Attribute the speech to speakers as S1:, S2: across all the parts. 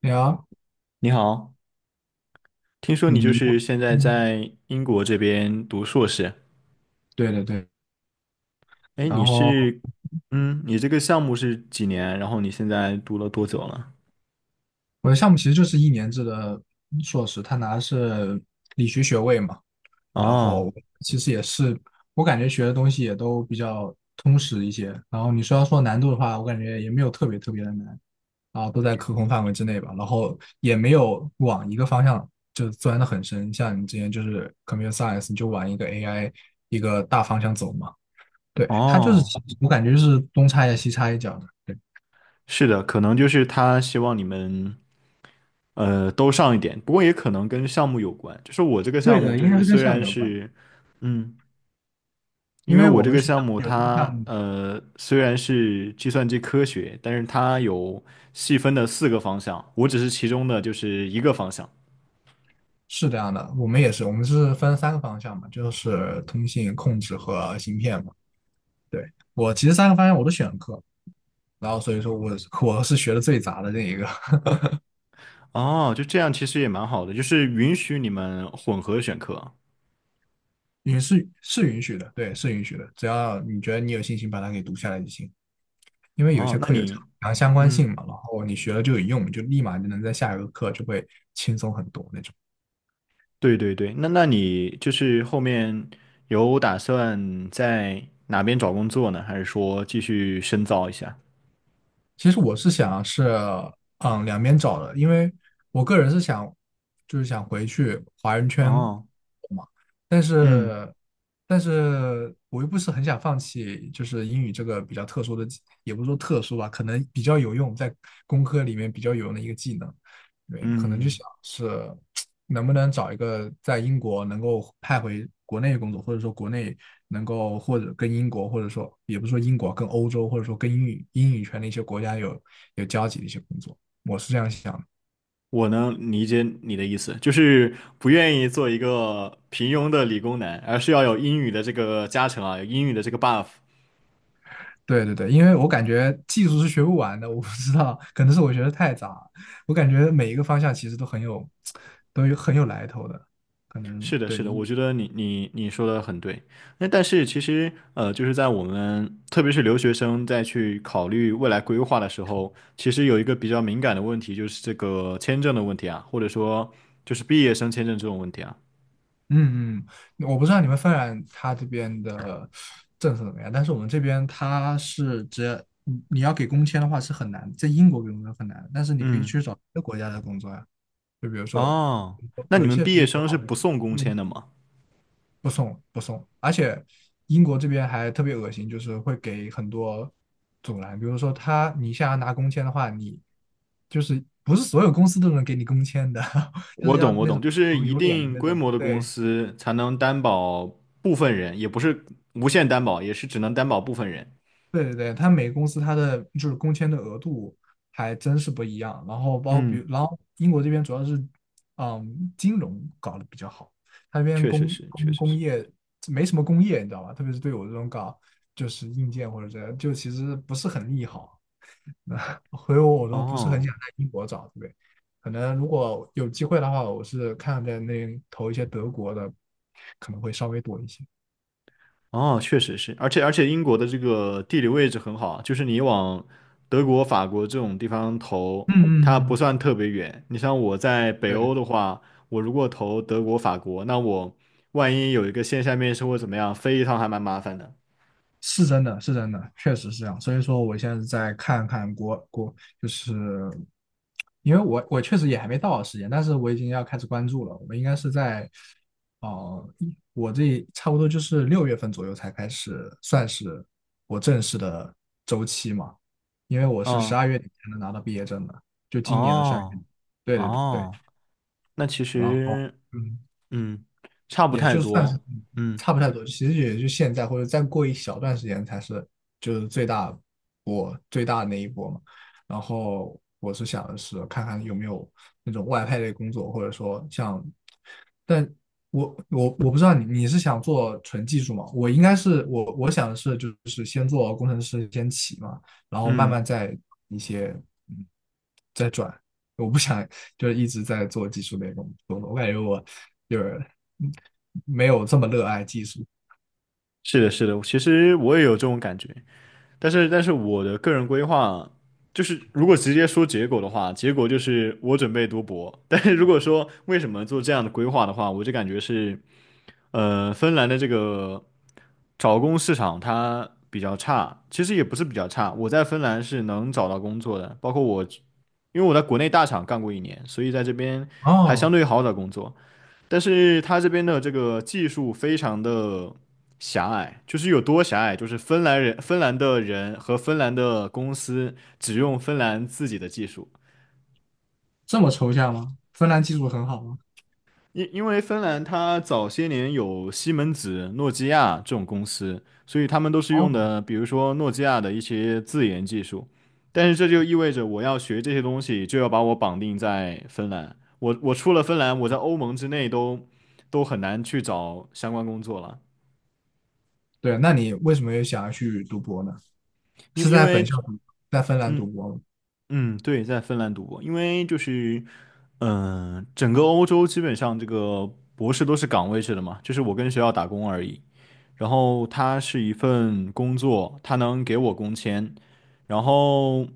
S1: 对啊，
S2: 你好，听说你就
S1: 嗯
S2: 是现在
S1: 嗯，
S2: 在英国这边读硕士，
S1: 对。
S2: 哎，
S1: 然
S2: 你
S1: 后
S2: 是，你这个项目是几年？然后你现在读了多久了？
S1: 我的项目其实就是一年制的硕士，他拿的是理学学位嘛。然
S2: 哦，
S1: 后其实也是，我感觉学的东西也都比较通识一些。然后你说要说难度的话，我感觉也没有特别的难啊，都在可控范围之内吧。然后也没有往一个方向就钻的很深，像你之前就是 computer science，你就往一个 AI 一个大方向走嘛。对，它就是
S2: 哦，
S1: 我感觉就是东插一下西插一脚的。
S2: 是的，可能就是他希望你们，都上一点，不过也可能跟项目有关。就是我这个项
S1: 对
S2: 目，
S1: 的，
S2: 就
S1: 应该
S2: 是
S1: 是跟
S2: 虽
S1: 项目
S2: 然
S1: 有关，
S2: 是，嗯，因
S1: 因
S2: 为
S1: 为
S2: 我
S1: 我
S2: 这
S1: 们
S2: 个
S1: 学
S2: 项目
S1: 校
S2: 它，
S1: 项目
S2: 虽然是计算机科学，但是它有细分的四个方向，我只是其中的就是一个方向。
S1: 是这样的，我们是分三个方向嘛，就是通信、控制和芯片嘛。对，我其实三个方向我都选课，所以说我是学的最杂的那一个。
S2: 哦，就这样其实也蛮好的，就是允许你们混合选课。
S1: 是允许的，对，是允许的，只要你觉得你有信心把它给读下来就行，因为有
S2: 哦，
S1: 些
S2: 那
S1: 课有
S2: 你，
S1: 强相关性
S2: 嗯，
S1: 嘛，然后你学了就有用，就立马就能在下一个课就会轻松很多那种。
S2: 对对对，那你就是后面有打算在哪边找工作呢？还是说继续深造一下？
S1: 其实我是想是，嗯，两边找的，因为我个人是想，就是想回去华人圈
S2: 哦，
S1: 嘛。但
S2: 嗯
S1: 是，我又不是很想放弃，就是英语这个比较特殊的技也不是说特殊吧，可能比较有用，在工科里面比较有用的一个技能。对，可能就
S2: 嗯，
S1: 想是能不能找一个在英国能够派回国内工作，或者说国内能够或者跟英国，或者说也不是说英国跟欧洲，或者说跟英语圈的一些国家有交集的一些工作，我是这样想的。
S2: 我能理解你的意思，就是不愿意做一个平庸的理工男，而是要有英语的这个加成啊，有英语的这个 buff。
S1: 对对对，因为我感觉技术是学不完的，我不知道，可能是我学的太杂了，我感觉每一个方向其实都很有，都有很有来头的，可能
S2: 是的，
S1: 对。
S2: 是的，我觉得你说的很对。那但是其实，就是在我们特别是留学生在去考虑未来规划的时候，其实有一个比较敏感的问题，就是这个签证的问题啊，或者说就是毕业生签证这种问题啊。
S1: 嗯嗯，我不知道你们芬兰它这边的政策怎么样，但是我们这边它是只要你要给工签的话是很难，在英国给工签很难，但是你可以
S2: 嗯，
S1: 去找别的国家的工作呀，就比如说
S2: 哦，那
S1: 有
S2: 你
S1: 一
S2: 们
S1: 些
S2: 毕
S1: 比较
S2: 业
S1: 友
S2: 生是
S1: 好的。
S2: 不送工签
S1: 嗯，
S2: 的吗？
S1: 不送，而且英国这边还特别恶心，就是会给很多阻拦，比如说他你想要拿工签的话，你就是不是所有公司都能给你工签的，就
S2: 我
S1: 是要
S2: 懂，我
S1: 那
S2: 懂，
S1: 种
S2: 就是一
S1: 有脸的
S2: 定
S1: 那
S2: 规
S1: 种，
S2: 模的公
S1: 对。
S2: 司才能担保部分人，也不是无限担保，也是只能担保部分人。
S1: 对对对，它每个公司它的就是工签的额度还真是不一样。然后包比
S2: 嗯，
S1: 如，然后英国这边主要是，嗯，金融搞得比较好，它那边
S2: 确实
S1: 工
S2: 是，确
S1: 工
S2: 实
S1: 工
S2: 是。
S1: 业没什么工业，你知道吧？特别是对我这种搞就是硬件或者这样，就其实不是很利好。那所以我都不是很
S2: 哦。
S1: 想在英国找，对不对？可能如果有机会的话，我是看在那投一些德国的，可能会稍微多一些。
S2: 哦，确实是，而且英国的这个地理位置很好，就是你往德国、法国这种地方投，
S1: 嗯嗯
S2: 它不
S1: 嗯，
S2: 算特别远。你像我在北
S1: 对。
S2: 欧的话，我如果投德国、法国，那我万一有一个线下面试或怎么样，飞一趟还蛮麻烦的。
S1: 是真的，是真的，确实是这样。所以说，我现在在看看，就是因为我确实也还没到时间，但是我已经要开始关注了。我应该是在，我这差不多就是六月份左右才开始，算是我正式的周期嘛。因为我是十
S2: 嗯，
S1: 二月底才能拿到毕业证的，就今年的十二月
S2: 哦
S1: 底。对对对，
S2: 哦，那其
S1: 然后。
S2: 实
S1: 嗯。
S2: 嗯，差不
S1: 也
S2: 太
S1: 就算是
S2: 多。嗯
S1: 差不太多，其实也就现在或者再过一小段时间才是就是最大的那一波嘛。然后我是想的是看看有没有那种外派类工作，或者说像，但我不知道你你是想做纯技术吗？我应该是我想的是就是先做工程师先起嘛，然后慢
S2: 嗯，
S1: 慢再一些嗯在转，我不想就是一直在做技术类工作，我感觉我就是嗯没有这么热爱技术。
S2: 是的，是的，其实我也有这种感觉。但是我的个人规划就是，如果直接说结果的话，结果就是我准备读博。但是如果说为什么做这样的规划的话，我就感觉是，芬兰的这个找工市场它比较差，其实也不是比较差，我在芬兰是能找到工作的，包括我，因为我在国内大厂干过一年，所以在这边还相
S1: 哦，
S2: 对好找工作。但是它这边的这个技术非常的狭隘，就是有多狭隘，就是芬兰人、芬兰的人和芬兰的公司只用芬兰自己的技术，
S1: 这么抽象吗？芬兰技术很好吗？
S2: 因为芬兰它早些年有西门子、诺基亚这种公司，所以他们都是用
S1: 哦，
S2: 的，比如说诺基亚的一些自研技术，但是这就意味着我要学这些东西，就要把我绑定在芬兰，我出了芬兰，我在欧盟之内都很难去找相关工作了。
S1: 对，那你为什么又想要去读博呢？
S2: 因
S1: 是
S2: 因
S1: 在本
S2: 为
S1: 校读，在芬兰读
S2: 嗯
S1: 博吗？
S2: 嗯，对，在芬兰读博，因为就是，整个欧洲基本上这个博士都是岗位制的嘛，就是我跟学校打工而已。然后它是一份工作，它能给我工签，然后，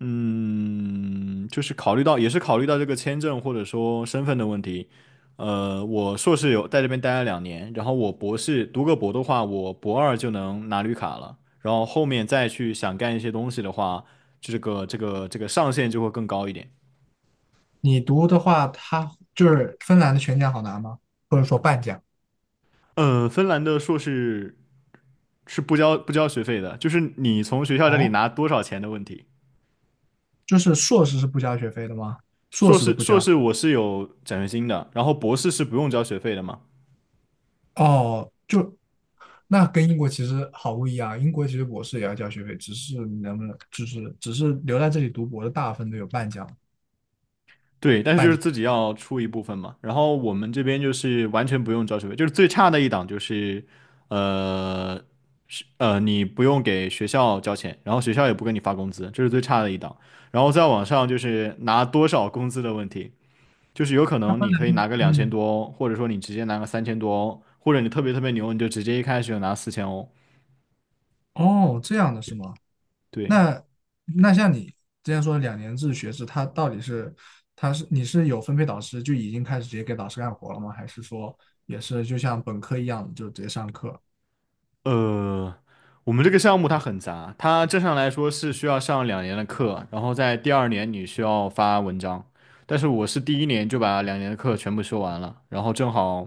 S2: 就是考虑到，也是考虑到这个签证或者说身份的问题。我硕士有在这边待了两年，然后我博士读个博的话，我博二就能拿绿卡了。然后后面再去想干一些东西的话，就这个上限就会更高一点。
S1: 你读的话，他就是芬兰的全奖好拿吗？或者说半奖？
S2: 嗯，芬兰的硕士是不交学费的，就是你从学校这里
S1: 哦，
S2: 拿多少钱的问题。
S1: 就是硕士是不交学费的吗？硕
S2: 硕
S1: 士都
S2: 士
S1: 不
S2: 硕
S1: 交。
S2: 士我是有奖学金的，然后博士是不用交学费的嘛。
S1: 哦，就那跟英国其实毫不一样。英国其实博士也要交学费，只是你能不能，就是只是留在这里读博的大部分都有半奖，
S2: 对，但是就
S1: 半
S2: 是
S1: 奖。
S2: 自己要出一部分嘛。然后我们这边就是完全不用交学费，就是最差的一档就是，呃，是你不用给学校交钱，然后学校也不给你发工资，这是最差的一档。然后再往上就是拿多少工资的问题，就是有可能你可以拿个两千
S1: 嗯，
S2: 多欧或者说你直接拿个3000多欧或者你特别特别牛，你就直接一开始就拿4000哦，
S1: 哦，这样的是吗？
S2: 对。
S1: 那那像你之前说两年制学制，它到底是它是你是有分配导师就已经开始直接给导师干活了吗？还是说也是就像本科一样就直接上课？
S2: 呃，我们这个项目它很杂，它正常来说是需要上两年的课，然后在第二年你需要发文章。但是我是第一年就把两年的课全部修完了，然后正好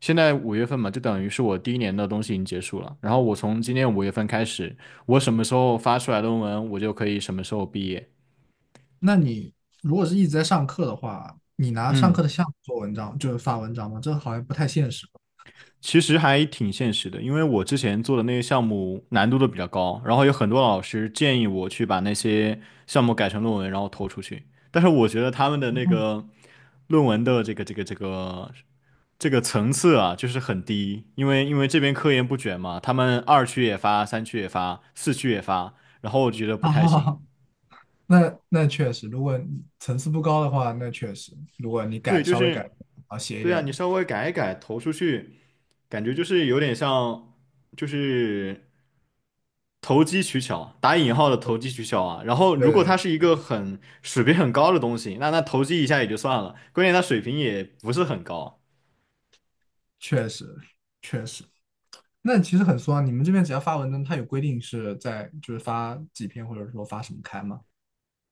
S2: 现在五月份嘛，就等于是我第一年的东西已经结束了。然后我从今年五月份开始，我什么时候发出来论文，我就可以什么时候毕业。
S1: 那你如果是一直在上课的话，你拿上
S2: 嗯。
S1: 课的项目做文章，就是发文章吗？这好像不太现实。
S2: 其实还挺现实的，因为我之前做的那些项目难度都比较高，然后有很多老师建议我去把那些项目改成论文，然后投出去。但是我觉得他们的那个论文的这个层次啊，就是很低，因为这边科研不卷嘛，他们二区也发，三区也发，4区也发，然后我觉得
S1: 哦，
S2: 不太行。
S1: 那那确实，如果你层次不高的话，那确实，如果你改
S2: 对，就
S1: 稍微改，
S2: 是
S1: 啊，写一
S2: 对啊，
S1: 点，
S2: 你稍微改一改投出去，感觉就是有点像，就是。投机取巧，打引号的投机取巧啊。然后，如果
S1: 对，
S2: 它是一个很水平很高的东西，那投机一下也就算了，关键它水平也不是很高。
S1: 确实确实。那其实很松啊，你们这边只要发文章，它有规定是在就是发几篇，或者说发什么刊吗？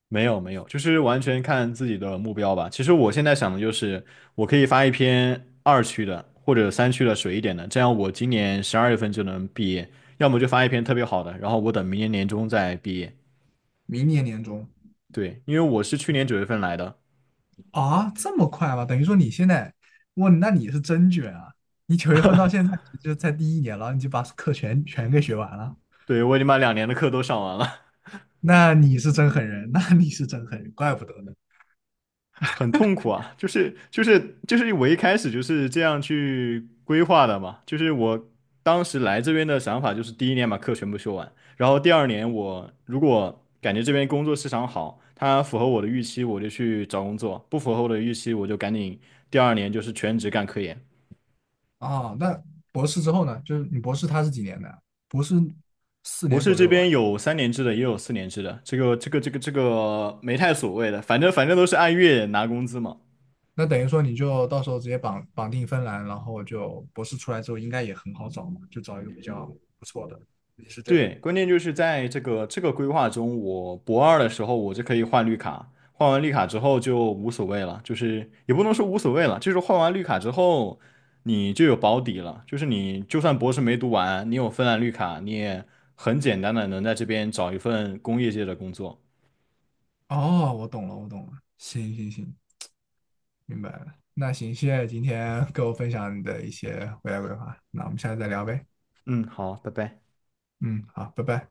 S2: 没有没有，就是完全看自己的目标吧。其实我现在想的就是，我可以发一篇二区的或者三区的水一点的，这样我今年12月份就能毕业。要么就发一篇特别好的，然后我等明年年中再毕业。
S1: 明年年中
S2: 对，因为我是去年9月份来的，
S1: 啊，这么快吗？等于说你现在，哇，那你是真卷啊！你九月份到现在就在第一年了，你就把课全给学完了，
S2: 对，我已经把两年的课都上完了。
S1: 那你是真狠人，那你是真狠人，怪不得呢。
S2: 很痛苦啊，就是我一开始就是这样去规划的嘛，就是我当时来这边的想法就是第一年把课全部修完，然后第二年我如果感觉这边工作市场好，它符合我的预期，我就去找工作；不符合我的预期，我就赶紧第二年就是全职干科研。
S1: 啊，那博士之后呢？就是你博士他是几年的？博士四
S2: 博
S1: 年
S2: 士
S1: 左
S2: 这
S1: 右
S2: 边
S1: 吧。
S2: 有3年制的，也有4年制的，这个没太所谓的，反正都是按月拿工资嘛。
S1: 那等于说你就到时候直接绑定芬兰，然后就博士出来之后应该也很好找嘛，就找一个比较不错的。也是这个。
S2: 对，关键就是在这个规划中，我博二的时候我就可以换绿卡，换完绿卡之后就无所谓了，就是也不能说无所谓了，就是换完绿卡之后你就有保底了，就是你就算博士没读完，你有芬兰绿卡，你也很简单的能在这边找一份工业界的工作。
S1: 哦，我懂了，我懂了。行行行，明白了。那行，谢谢今天 跟我分享你的一些未来规划。那我们下次再聊呗。
S2: 嗯，好，拜拜。
S1: 嗯，好，拜拜。